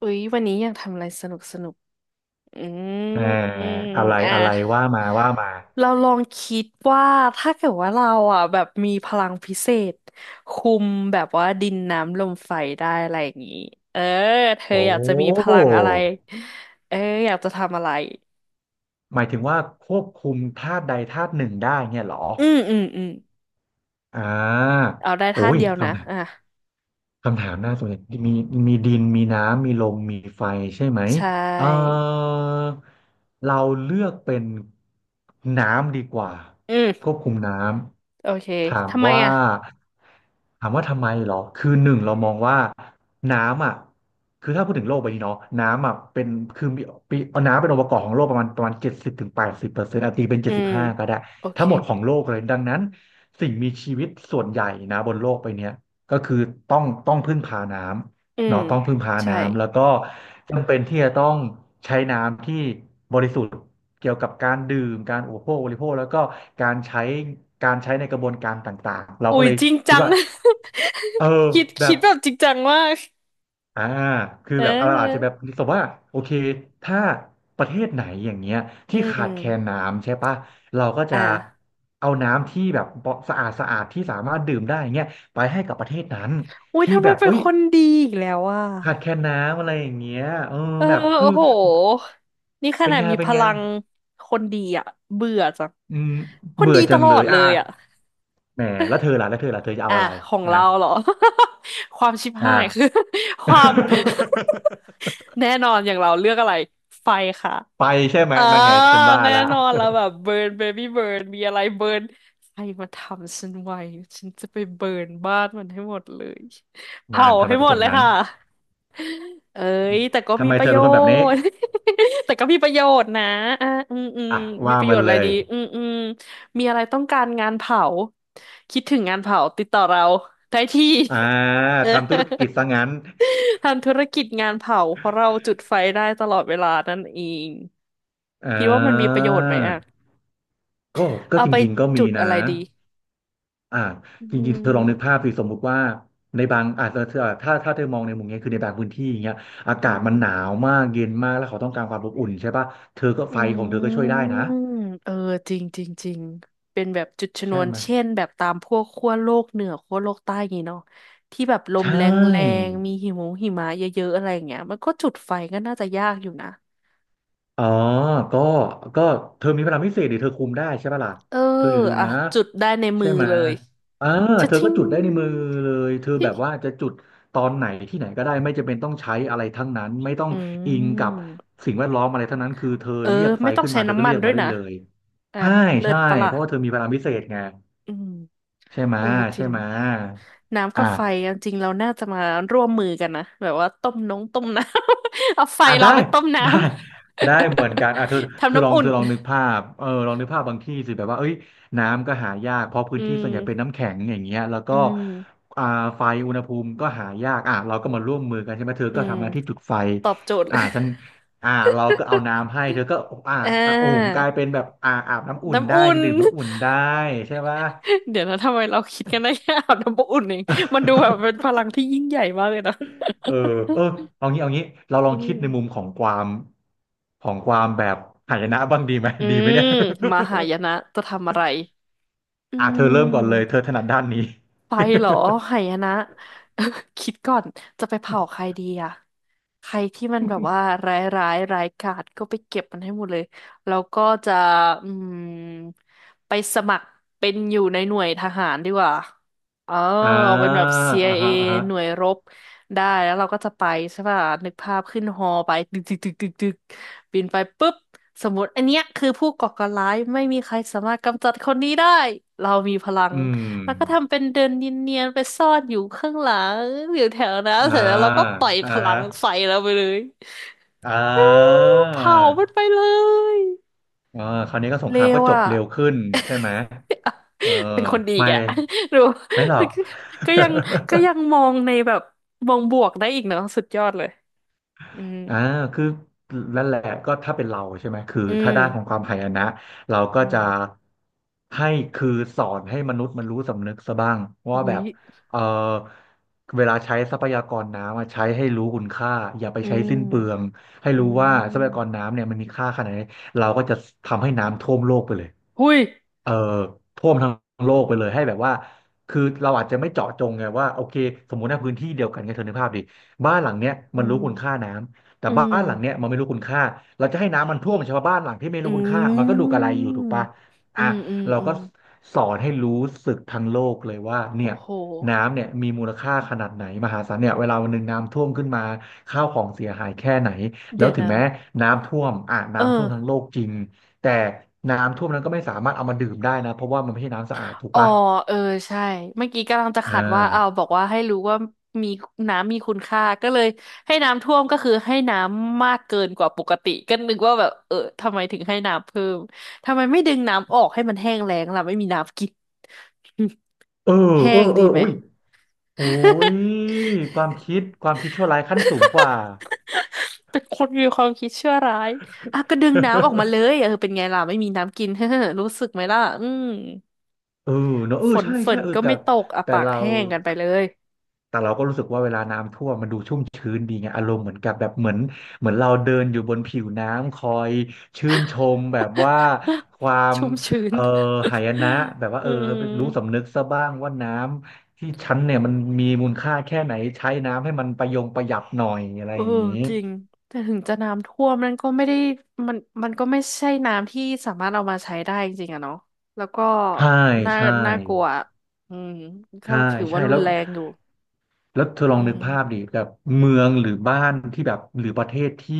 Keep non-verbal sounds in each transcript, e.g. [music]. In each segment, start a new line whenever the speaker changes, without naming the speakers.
อุ๊ยวันนี้อยากทำอะไรสนุกสนุกอื
เอ่อ
ม
อะไร
อ่
อะไร
ะ
ว่ามาว่ามา
เราลองคิดว่าถ้าเกิดว่าเราอ่ะแบบมีพลังพิเศษคุมแบบว่าดินน้ำลมไฟได้อะไรอย่างนี้เออเธอ
โอ้
อยากจะมีพลังอะไรเอออยากจะทำอะไร
หมายถึงว่าควบคุมธาตุใดธาตุหนึ่งได้เนี่ยเหรอ
อืมอืมอืม
อ่า
เอาได้
โอ้
ธาตุ
ย
เดียวนะ
คำถาม
อ่ะ
หน้าส่วนใหญ่มีมีดินมีน้ำมีลมมีไฟใช่ไหม
ใช่
เออเราเลือกเป็นน้ำดีกว่า
อืม
ควบคุมน้
โอเค
ำ
ทำไมอ่ะ
ถามว่าทำไมเหรอคือหนึ่งเรามองว่าน้ำอ่ะคือถ้าพูดถึงโลกใบนี้เนาะน้ำอ่ะเป็นคือมีปีเอาน้ำเป็นองค์ประกอบของโลกประมาณ70-80%ตีเป็น
อื
เจ็ดสิบ
ม
ห้าก็ได้
โอเค
ทั้งหมดของโลกเลยดังนั้นสิ่งมีชีวิตส่วนใหญ่นะบนโลกใบเนี้ย ก็คือต้องพึ่งพาน้
อื
ำ
ม
เนาะต้องพึ่งพา
ใช่
น้ำแล้วก็จำเป็นที่จะต้องใช้น้ำที่บริสุทธิ์เกี่ยวกับการดื่มการอุปโภคบริโภคแล้วก็การใช้การใช้ในกระบวนการต่างๆเรา
อุ๊
ก็
ย
เลย
จริง
คิ
จั
ด
ง
ว่า
[laughs]
เออ
คิด
แบบ
แบบจริงจังมาก
อ่าคือ
เ
แบบเราอาจจะแบ
ออ
บสมมติว่าโอเคถ้าประเทศไหนอย่างเงี้ย
อื
ที่ขาดแคลน
ม
น้ำใช่ปะเราก็จะ
อ่ะ
เอาน้ำที่แบบสะอาดสะอาดที่สามารถดื่มได้เงี้ยไปให้กับประเทศนั้น
อุ้ย
ที่
ทำไม
แบบ
เป็น
เอ้ย
คนดีอีกแล้วอ่ะ
ขาดแคลนน้ำอะไรอย่างเงี้ยเออ
เออ
แบบ
โอ้
คือ
โหนี่ข
เป็น
นาด
ไง
มี
เป็
พ
นไง
ลังคนดีอ่ะเบื่อจัง
อืม
คน
เบื่
ดี
อ
ต
จัง
ลอ
เล
ด
ย
เลยอ่ะ
แหมแล้วเธอล่ะแล้วเธอล่ะเธอจะเอา
อ่ะ
อะไร
ของ
อ่ะ
เราเหรอ [laughs] ความชิบหายคือ
อ่า
[laughs] ความ [laughs]
[laughs]
แน่นอนอย่างเราเลือกอะไร ไฟค่ะ
ไปใช่ไหม
อ่า
นั่นไงฉันว่า
แน่
ละ
นอนแล้วแบบเบิร์นเบบี้เบิร์นมีอะไรเบิร์นใครมาทำฉันไว้ฉันจะไปเบิร์นบ้านมันให้หมดเลย
นา
เผา
นทำไม
ให้
เป็
ห
น
ม
ค
ด
นแบ
เล
บ
ย
นั้น
ค่ะเอ้ยแต่ก็
ทำ
มี
ไม
ป
เธ
ระ
อ
โย
เป็นคนแบบนี้
ชน์ [laughs] แต่ก็มีประโยชน์นะอ่า
อ่ะ
มี
ว่า
ประโย
มั
ช
น
น์อะ
เล
ไร
ย
ดีมีอะไรต้องการงานเผาคิดถึงงานเผาติดต่อเราได้ที่
อ่าทำธุรกิจซะ
[laughs]
งั้น
ทำธุรกิจงานเผาเพราะเราจุดไฟได้ตลอดเวลานั่นเอง
อ่
คิดว่ามันมีประ
า
โยชน์ไหมอ่ะ
ก็ก็
เอา
จ
ไป
ริงๆก็
จุ
มี
ด
นะ
อะไรดี
อ่า
อื
จริงๆเธอลองนึกภา
ม
พสิสมมุติว่าในบางอาจจะเธอถ้าเธอมองในมุมเนี้ยคือในบางพื้นที่อย่างเงี้ยอากา
อื
ศ
ม
มันหนาวมากเย็นมากแล้วเขาต้องการความอบอุ่นใช่ป่ะเธอก็
อื
ไฟของเธอก็ช่วยได้
ม
นะ
เออจริงจริงจริงเป็นแบบจุดชน
ใช่
วน
ไหม
เช่นแบบตามพวกขั้วโลกเหนือขั้วโลกใต้อย่างงี้เนาะที่แบบลม
ใช่
แรงแรงมีหิมะหิมะเยอะๆอะไรอย่างเงี้ยมันก็จุดไฟก็น่าจะยากอยู่นะ
อ๋อก็ก็เธอมีพลังพิเศษดิเธอคุมได้ใช่ปะล่ะ
เออ
เธออย่าลืม
อ่ะ
นะ
จุดได้ในมื
ใช่
อ
ไหม
เลย
เออ
ชะ
เธอก็
ทิ้ง
จุดได้ในมือเลย เธอแบบว่าจะจุดตอนไหนที่ไหนก็ได้ไม่จำเป็นต้องใช้อะไรทั้งนั้นไม่ต้อง
อื
อิงกับ
ม
สิ่งแวดล้อมอะไรทั้งนั้นคือเธอ
เออ
เรียกไฟ
ไม่ต้อง
ขึ้น
ใช้
มาเธอก็
น้ำมั
เรี
น
ยก
ด้ว
มา
ย
ได้
นะ
เลย
อ่ะ
ใช่
เลิ
ใช่
ศปะล่ะ
เพราะว่าเธอมีพลังพิเศษไง
อืม
ใช่ไหม
เออจ
ใช่
ริง
ไหม
น้ำกั
อ่ะ
บไฟอะจริงเราน่าจะมาร่วมมือกันนะแบบว่าต้มน้องต้มน้ำ [laughs] เอาไฟ
อ่ะ
เรา
ได้
ไปต้มน้
ได้ได้เหมือนกัน
ำ
อ่ะเธอ
[laughs] ทำน้ำอุ่น
เธอลองนึกภาพเออลองนึกภาพบางที่สิแบบว่าเอ้ยน้ำก็หายากเพราะพื้
อื
นที่ส่วนใหญ่เป็น
ม
น้ำแข็งอย่างเงี้ยแล้ว
อื
ก็
ม
อ่าไฟอุณหภูมิก็หายากอ่ะเราก็มาร่วมมือกันใช่ไหมเธอ
อื
ก็
ม
ทำหน้าที่จุดไฟ
ตอบโจทย์ [laughs] เลย
ฉันเราก็เอาน้ำให้เธอก็อ่า
อ่
หุงก
า
ลายเป็นแบบอาบน้ำอุ่น
น้ำ
ได้
อุ่น
ดื่มน้ำ
[laughs]
อุ่นได้ใช่ปะ
เดี๋ยวนะทำไมเราคิดกันได้แค่อาบน้ำอุ่นเองมันดูแบบเป็นพ
[laughs]
ลังที่ยิ่งใหญ่มากเลยนะ
เออเออเอางี้เอางี้ เราลอ
อื
งคิด
ม
ในมุมของความแบบหายนะบ้างดีไหม
อื
ดีไหม
ม
เนี่ย
มหายนะ
[laughs]
จะทำอะไรอื
อ่ะเธอเริ่มก่อนเลย
ม
เธอถนัดด้านนี้
ไปเหรอหายนะ [laughs] คิดก่อนจะไปเผาใครดีอะใครที่มันแบบว่าร้ายร้ายกาจก็ไปเก็บมันให้หมดเลยแล้วก็จะอืมไปสมัครเป็นอยู่ในหน่วยทหารดีกว่าเออ
[laughs] อ่า
เป็นแบบ
อ่า
CIA
ฮะอ่าฮะ
หน่วยรบได้แล้วเราก็จะไปใช่ป่ะนึกภาพขึ้นฮอไปตึกตึกตึกตึกตึกบินไปปุ๊บสมมติอันเนี้ยคือผู้ก่อการร้ายไม่มีใครสามารถกำจัดคนนี้ได้เรามีพลัง
อืม
แล้วก็ทำเป็นเดินเนียนๆไปซ่อนอยู่ข้างหลังอยู่แถวนั้น
อ่า
เสร็จแล้วเราก็ปล่อย
อ่า
พลั
ฮะ
งใส่เราไปเลย
อ่
อู้
า
เผามันไปเลย
อ่าคราวนี้ก็สง
เล
ครามก็
ว
จบ
อ่ะ
เร็วขึ้นใช่ไหมเออ
[laughs] เป็นคนดีอี
ไม่
กอะ [laughs] ดู
ไม่หรอก
ก็ยังก็ยัง
[laughs]
มองในแบบมองบวกได้อีกเนาะสุดยอดเลยอืม
อ่าคือนั่นแหละก็ถ้าเป็นเราใช่ไหมคือ
อื
ถ้า
ม
ด้านของความหายนะเราก็
อื
จะ
ม
ให้คือสอนให้มนุษย์มันรู้สำนึกซะบ้างว่า
อุ้
แบ
ย
บเออเวลาใช้ทรัพยากรน้ำอะใช้ให้รู้คุณค่าอย่าไป
อื
ใช้สิ้นเปลือ
ม
งให้
อื
รู้ว่าทรัพยากร
ม
น้ำเนี่ยมันมีค่าขนาดไหนเราก็จะทำให้น้ำท่วมโลกไปเลย
หุย
เอ่อท่วมทั้งโลกไปเลยให้แบบว่าคือเราอาจจะไม่เจาะจงไงว่าโอเคสมมุติในพื้นที่เดียวกันไงเธอนึกภาพดิบ้านหลังเนี้ย
อื
มันรู้คุณค่า
ม
น้ำ แต่
อื
บ้า
ม
นหลังเนี้ยมันไม่รู้คุณค่าเราจะให้น้ำมันท่วมชาวบ้านหลังที่ไม่รู้
อื
คุณค่ามันก็ดูก
ม
ระไรอยู่ถูกปะ
อื
อ่ะ
มอืม
เรา
อื
ก็
ม
สอนให้รู้สึกทั้งโลกเลยว่าเนี่
โอ้
ย
โห
น้ำเนี่ยมีมูลค่าขนาดไหนมหาศาลเนี่ยเวลาวันหนึ่งน้ำท่วมขึ้นมาข้าวของเสียหายแค่ไหนแล้
เดี๋
ว
ยว
ถึง
นะ
แม้น้ำท่วมอ่ะ
เออ
น้ำท่วมทั้งโลกจริงแต่น้ำท่วมนั้นก็ไม่สามารถเอามาดื่มได้นะเพราะว่ามันไม่ใช่น้ำสะอาดถูก
อ๋อ
ปะ
เออใช่เมื่อกี้กำลังจะ
อ่
ขัดว่าเอาวบ
า
อกว่าให้รู้ว่ามีน้ำมีคุณค่าก็เลยให้น้ำท่วมก็คือให้น้ำมากเกินกว่าปกติก็นึกว่าแบบเออทำไมถึงให้น้ำเพิ่มทำไมไม่ดึงน้ำออกให้มันแห้งแล้งล่ะไม่มีน้ำกิน [laughs]
เออ
แห้
เออ
ง
เอ
ดี
อ
ไหม
โอ้ยโอ้ยความคิดชั่วร้ายขั้นสูงกว่า
เป็นคนมีความคิดชั่วร้ายอ่ะก็ดึงน้ำออกมาเลย
[laughs]
เออเป็นไงล่ะไม่มีน้ำกิน [laughs] เฮ้อรู้สึกไหมล่ะอืม
เออเนอะเออ
ฝน
ใช่ใช่เออ
ก็
แต่
ไม่ตกอ่ะ
แต่
ปาก
เรา
แห้งกันไปเลย
แต่เราก็รู้สึกว่าเวลาน้ำท่วมมันดูชุ่มชื้นดีไงอารมณ์เหมือนกับแบบเหมือนเราเดินอยู่บนผิวน้ำคอยชื่นชมแบบว่า
[laughs]
ความ
ชุ่มชื้น
เออหายนะแบบว่า
[laughs] อื
เออ
ม
รู้สำนึกซะบ้างว่าน้ำที่ฉันเนี่ยมันมีมูลค่าแค่ไหนใช้น้ำให้มันประยงประหยัดหน่อยอะไร
เออ
อย่างนี้
จริงแต่ถึงจะน้ำท่วมนั่นก็ไม่ได้มันก็ไม่ใช่น้ำที่สามารถเอามาใช้ได้จริงๆอะเนาะแล้วก็
ใช่
น่า
ใช่
กลัวอืมก็
ใช่
ถือ
ใช่
ว่ารุ
แล้
น
ว
แรงอยู่
เธอลอ
อื
งนึกภาพดิ
ม
แบบเมืองหรือบ้านที่แบบหรือประเทศที่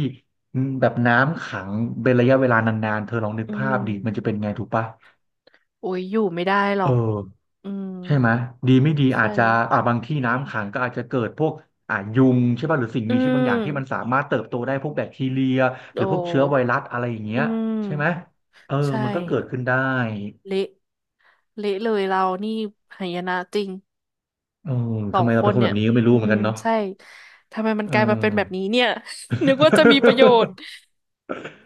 แบบน้ำขังเป็นระยะเวลานานๆเธอลองนึก
อื
ภา
ม
พดิมันจะเป็นไงถูกปะ
โอ้ยอยู่ไม่ได้หรอ
เออ
กอืม
ใช่ไหมดีไม่ดีอา
ใช่
จจะอ่าบางที่น้ำขังก็อาจจะเกิดพวกอ่ายุงใช่ป่ะหรือสิ่ง
อื
มีชีวิตบางอย่างที่มันสา
ม
มารถเติบโตได้พวกแบคทีเรียห
โอ
รือพวกเชื้อไว
้
รัสอะไรอย่างเงี้
อื
ยใช่ไหม
ม
เออ
ใช่
มันก็เกิดขึ้นได้
เละเละเลยเรานี่หายนะจริง
เออ
สอ
ทำ
ง
ไม
ค
เราเป็
น
นคน
เนี่
แบ
ย
บนี้ก็ไม่รู้
อื
เหมือน
ม
กันเนาะ
ใช่ ทำไมมัน
เอ
กลายมาเป็นแบบ
อ
นี้เนี่ย [laughs] นึกว่าจะมีประโยชน์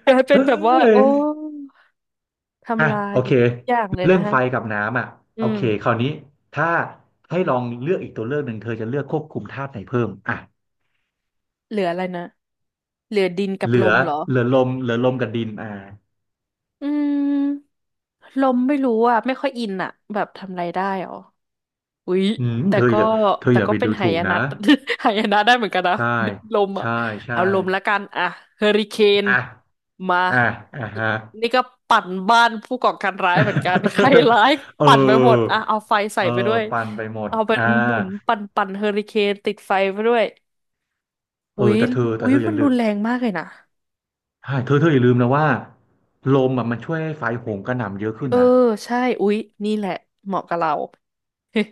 กลายเป็
เอ้
นแบบว่า
ย
โอ้
อ่ะ
ทำลา
โอ
ย
เค
ทุกอย่างเลย
เรื่
นะ
อง
ฮะ
ไฟกับน้ำอ่ะ
อื
โอ
ม
เคคราวนี้ถ้าให้ลองเลือกอีกตัวเลือกหนึ่งเธอจะเลือกควบคุมธาตุไหนเพิ่มอ่ะ
เหลืออะไรนะเหลือดินกับ
เห
ล
ลือ
มเหรอ
เหลือลมกับดินอ่า
อืมลมไม่รู้อ่ะ ไม่ค่อยอินอ่ะแบบทำอะไรได้หรอ อุ๊ย
อืม
แต่
เธอ
ก็
อย่า
แต่ก็
ไป
เป็
ดู
นหา
ถูก
ย
นะ
นะ [laughs] หายนะ [laughs] ได้เหมือนกันนะ
ใช่
ลมอ่ะ
ใช่ใช่
เอาลมละกันอ่ะเฮอริเคน
อ่ะ
มา
อ่ะอ่ะฮะ [laughs]
นี่ก็ปั่นบ้านผู้ก่อการร้ายเหมือนกันใครร้าย
เอ
ปั่นไปหมด
อ
อ่ะเอาไฟใส่
เอ
ไปด้
อ
วย
ปั่นไปหมด
เอาเป็น
อ่า
หมุนปั่นเฮอริเคนติดไฟไปด้วย
เอ
อุ๊
อ
ย
แต่เธอ
อุ๊ย
อ
มั
ย่า
น
ลื
รุ
ม
นแรงมากเลยนะ
ใช่เธออย่าลืมนะว่าลมอ่ะมันช่วยให้ไฟโหมกระหน่ำเยอะขึ้น
เออ
นะ
ใช่อุ๊ยนี่แหละเหมาะกับเรา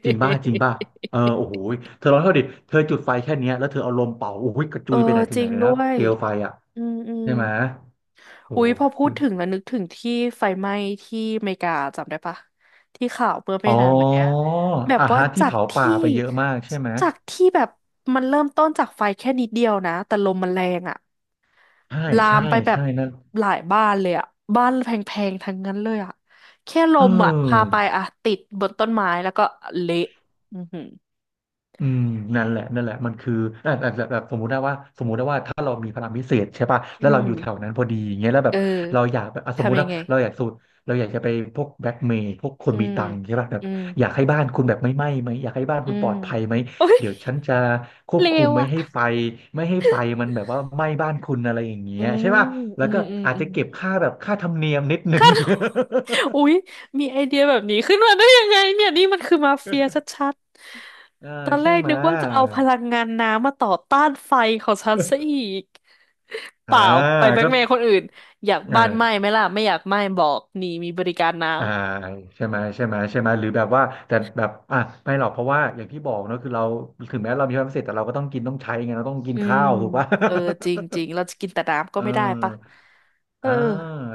จริงป่ะเออโอ้โหเธอลองเท่าดิเธอจุดไฟแค่เนี้ยแล้วเธอเอาลมเป่าโอ้โหกระ
[laughs] เอ
จุ
อ
ยไปไหนถึ
จ
งไห
ริ
น
ง
เลย
ด้
นะ
วย
เปลวไฟอ่ะ
อืมอืม
ใช่ไหมโอ้
อุ๊
โ
ยพอพู
ห
ดถึงแล้วนึกถึงที่ไฟไหม้ที่อเมริกาจำได้ปะที่ข่าวเมื่อไม่
อ๋อ
นานมาเนี้ยแบบ
อ่า
ว่า
ฮะที่
จาก
เผาป่า
ที่
ไปเยอะมากใช่ไหม
จากที่แบบมันเริ่มต้นจากไฟแค่นิดเดียวนะแต่ลมมันแรงอะ
ใช่
ลา
ใช่
มไปแบบ
ใช่นั่น
หลายบ้านเลยอะบ้านแพงๆทั้งนั้นเลยอะแค่ล
เอ
มอะพาไป
อ
อะติดบนต้นไม้แล้วก็เละอือหือ
อืมนั่นแหละมันคืออ่ะอ่ะแบบสมมุติได้ว่าถ้าเรามีพลังพิเศษใช่ป่ะ
อื
แล้วเรา
ม
อยู่แถวนั้นพอดีอย่างเงี้ยแล้วแบ
เออ
บเราอยากแบบอ่ะสมมุติ
ทำยั
นะ
งไง
เราอยากสูดเราอยากจะไปพวกแบล็กเมย์พวกคน
อื
มี
ม
ตังค์ใช่ป่ะแบบ
อืม
อยากให้บ้านคุณแบบไม่ไหม้ไหมอยากให้บ้าน
อื
คุณป
ม
ลอดภัยไหม
โอ๊ย
เดี๋ยวฉันจะคว
[laughs]
บ
เล
คุม
ว
ไม่ให้ไฟ
อะ
ไม่ให้ไฟมันแบบว่าไหม้บ้านคุณอะไรอย่างเงี้
อื
ยใช่
ม
ป่ะแล้
อื
ว
ม
ก็
อืม
อาจ
อื
จะ
ม
เก็บค่าแบบค่าธรรมเนียมนิดนึง [laughs]
อุ๊ยมีไอเดียแบบนี้ขึ้นมาได้ยังไงเนี่ยนี่มันคือมาเฟียชัด
เออ
ๆตอนแร
ใช่
ก
ไหม
นึกว่าจะเอาพลังงานน้ำมาต่อต้านไฟของฉันซะ
ย
อีกเป
อ่า
ล่าไปแบล็ก
ก็
เมย์คนอื่นอยาก
เอ
บ้านไหม้
อ
ไหมล่ะไม่อยากไหม้บอกนี่มีบริการน้
อ่าใช่ไหมใช่ไหมหรือแบบว่าแต่แบบอ่ะไม่หรอกเพราะว่าอย่างที่บอกเนอะคือเราถึงแม้เรามีความพิเศษแต่เราก็ต้องกินต้องใช้ไงเราต้องกิ
ำ
น
อืม
ข้าวถูกปะ
เออจริงจริงเราจะกินแต่น้ำ
[laughs]
ก็
เออ
ไม่ได้ปะเออ
อ่า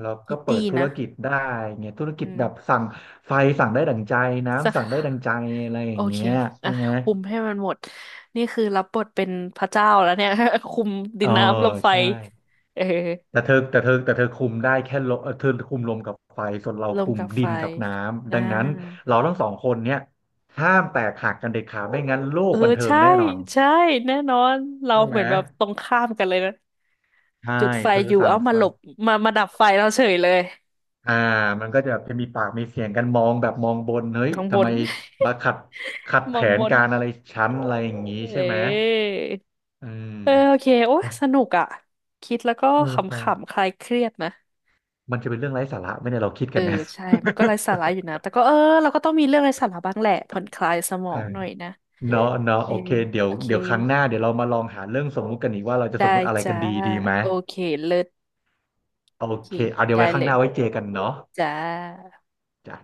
เรา
คิ
ก็
ด
เปิ
ดี
ดธุร
นะ
กิจได้ไงธุรกิ
อื
จ
ม
แบบสั่งไฟสั่งได้ดั่งใจน้ำสั่งได้ดั่ง
[laughs]
ใจอะไรอ
โอ
ย่าง
เค
เงี้ย
อ่ะ
ใช่ไหม
คุมให้มันหมด นี่คือรับบทเป็นพระเจ้าแล้วเนี่ย [laughs] คุมดิ
เออ
นน้ำลมไฟ
ใช่
เออ
แต่เธอคุมได้แค่ลมเอ่อเธอคุมลมกับไฟส่วนเรา
ลม
คุม
กับไฟ
ดินกับน้ำ
อ่า
ดังนั้นเราทั้งสองคนเนี่ยห้ามแตกหักกันเด็ดขาดไม่งั้นโล
เอ
ก
อ
บันเทิง
ใช่
แน่นอน
ใช่ แน่นอน เรา
ใช่
เห
ไหม
มือนแบบตรงข้ามกันเลยนะ
ใช่
จุดไฟ
เธอ
อยู่
สั่ง
เอามา
ไฟ
หลบมาดับไฟเราเฉยเลย
อ่ามันก็จะมีปากมีเสียงกันมองแบบมองบนเฮ้ย
มองบ
ทำ
น
ไมมาขัด
[laughs] ม
แผ
องบ
น
น
การอะไรชั้นอะไรอย่างนี้
เอ
ใช่ไหม
อ
อืม
เออโอเค โอ้ย
โอ้ย
สนุกอ่ะคิดแล้วก็
เออ
ข
พอ
ำๆคลายเครียดนะ
มันจะเป็นเรื่องไร้สาระไหมเนี่ยเราคิด
เอ
กั
อ
นเนี่ย
ใช่มันก็ไร้สาระ
[laughs]
อยู่นะแต่ก็เออเราก็ต้องมีเรื่องไร้สาระบ้างแหละผ่อนคลายสมอ
อ่า
งหน่อยนะ
เนาะเนาะ
เอ
โอ
อ
เคเดี๋ยว
โอเค
ครั้งหน้าเดี๋ยวเรามาลองหาเรื่องสมมุติกันอีกว่าเราจะส
ได้
มมุติอะไรกั
จ้า
นดีดีไหม
โอเคเลิศ
โอ
โอเค
เคเอาเดี๋ยว
ได้
ไว้ข้า
เล
งห
ย
น้าไว้เจอกันเนาะ
จ้า
จ้ะ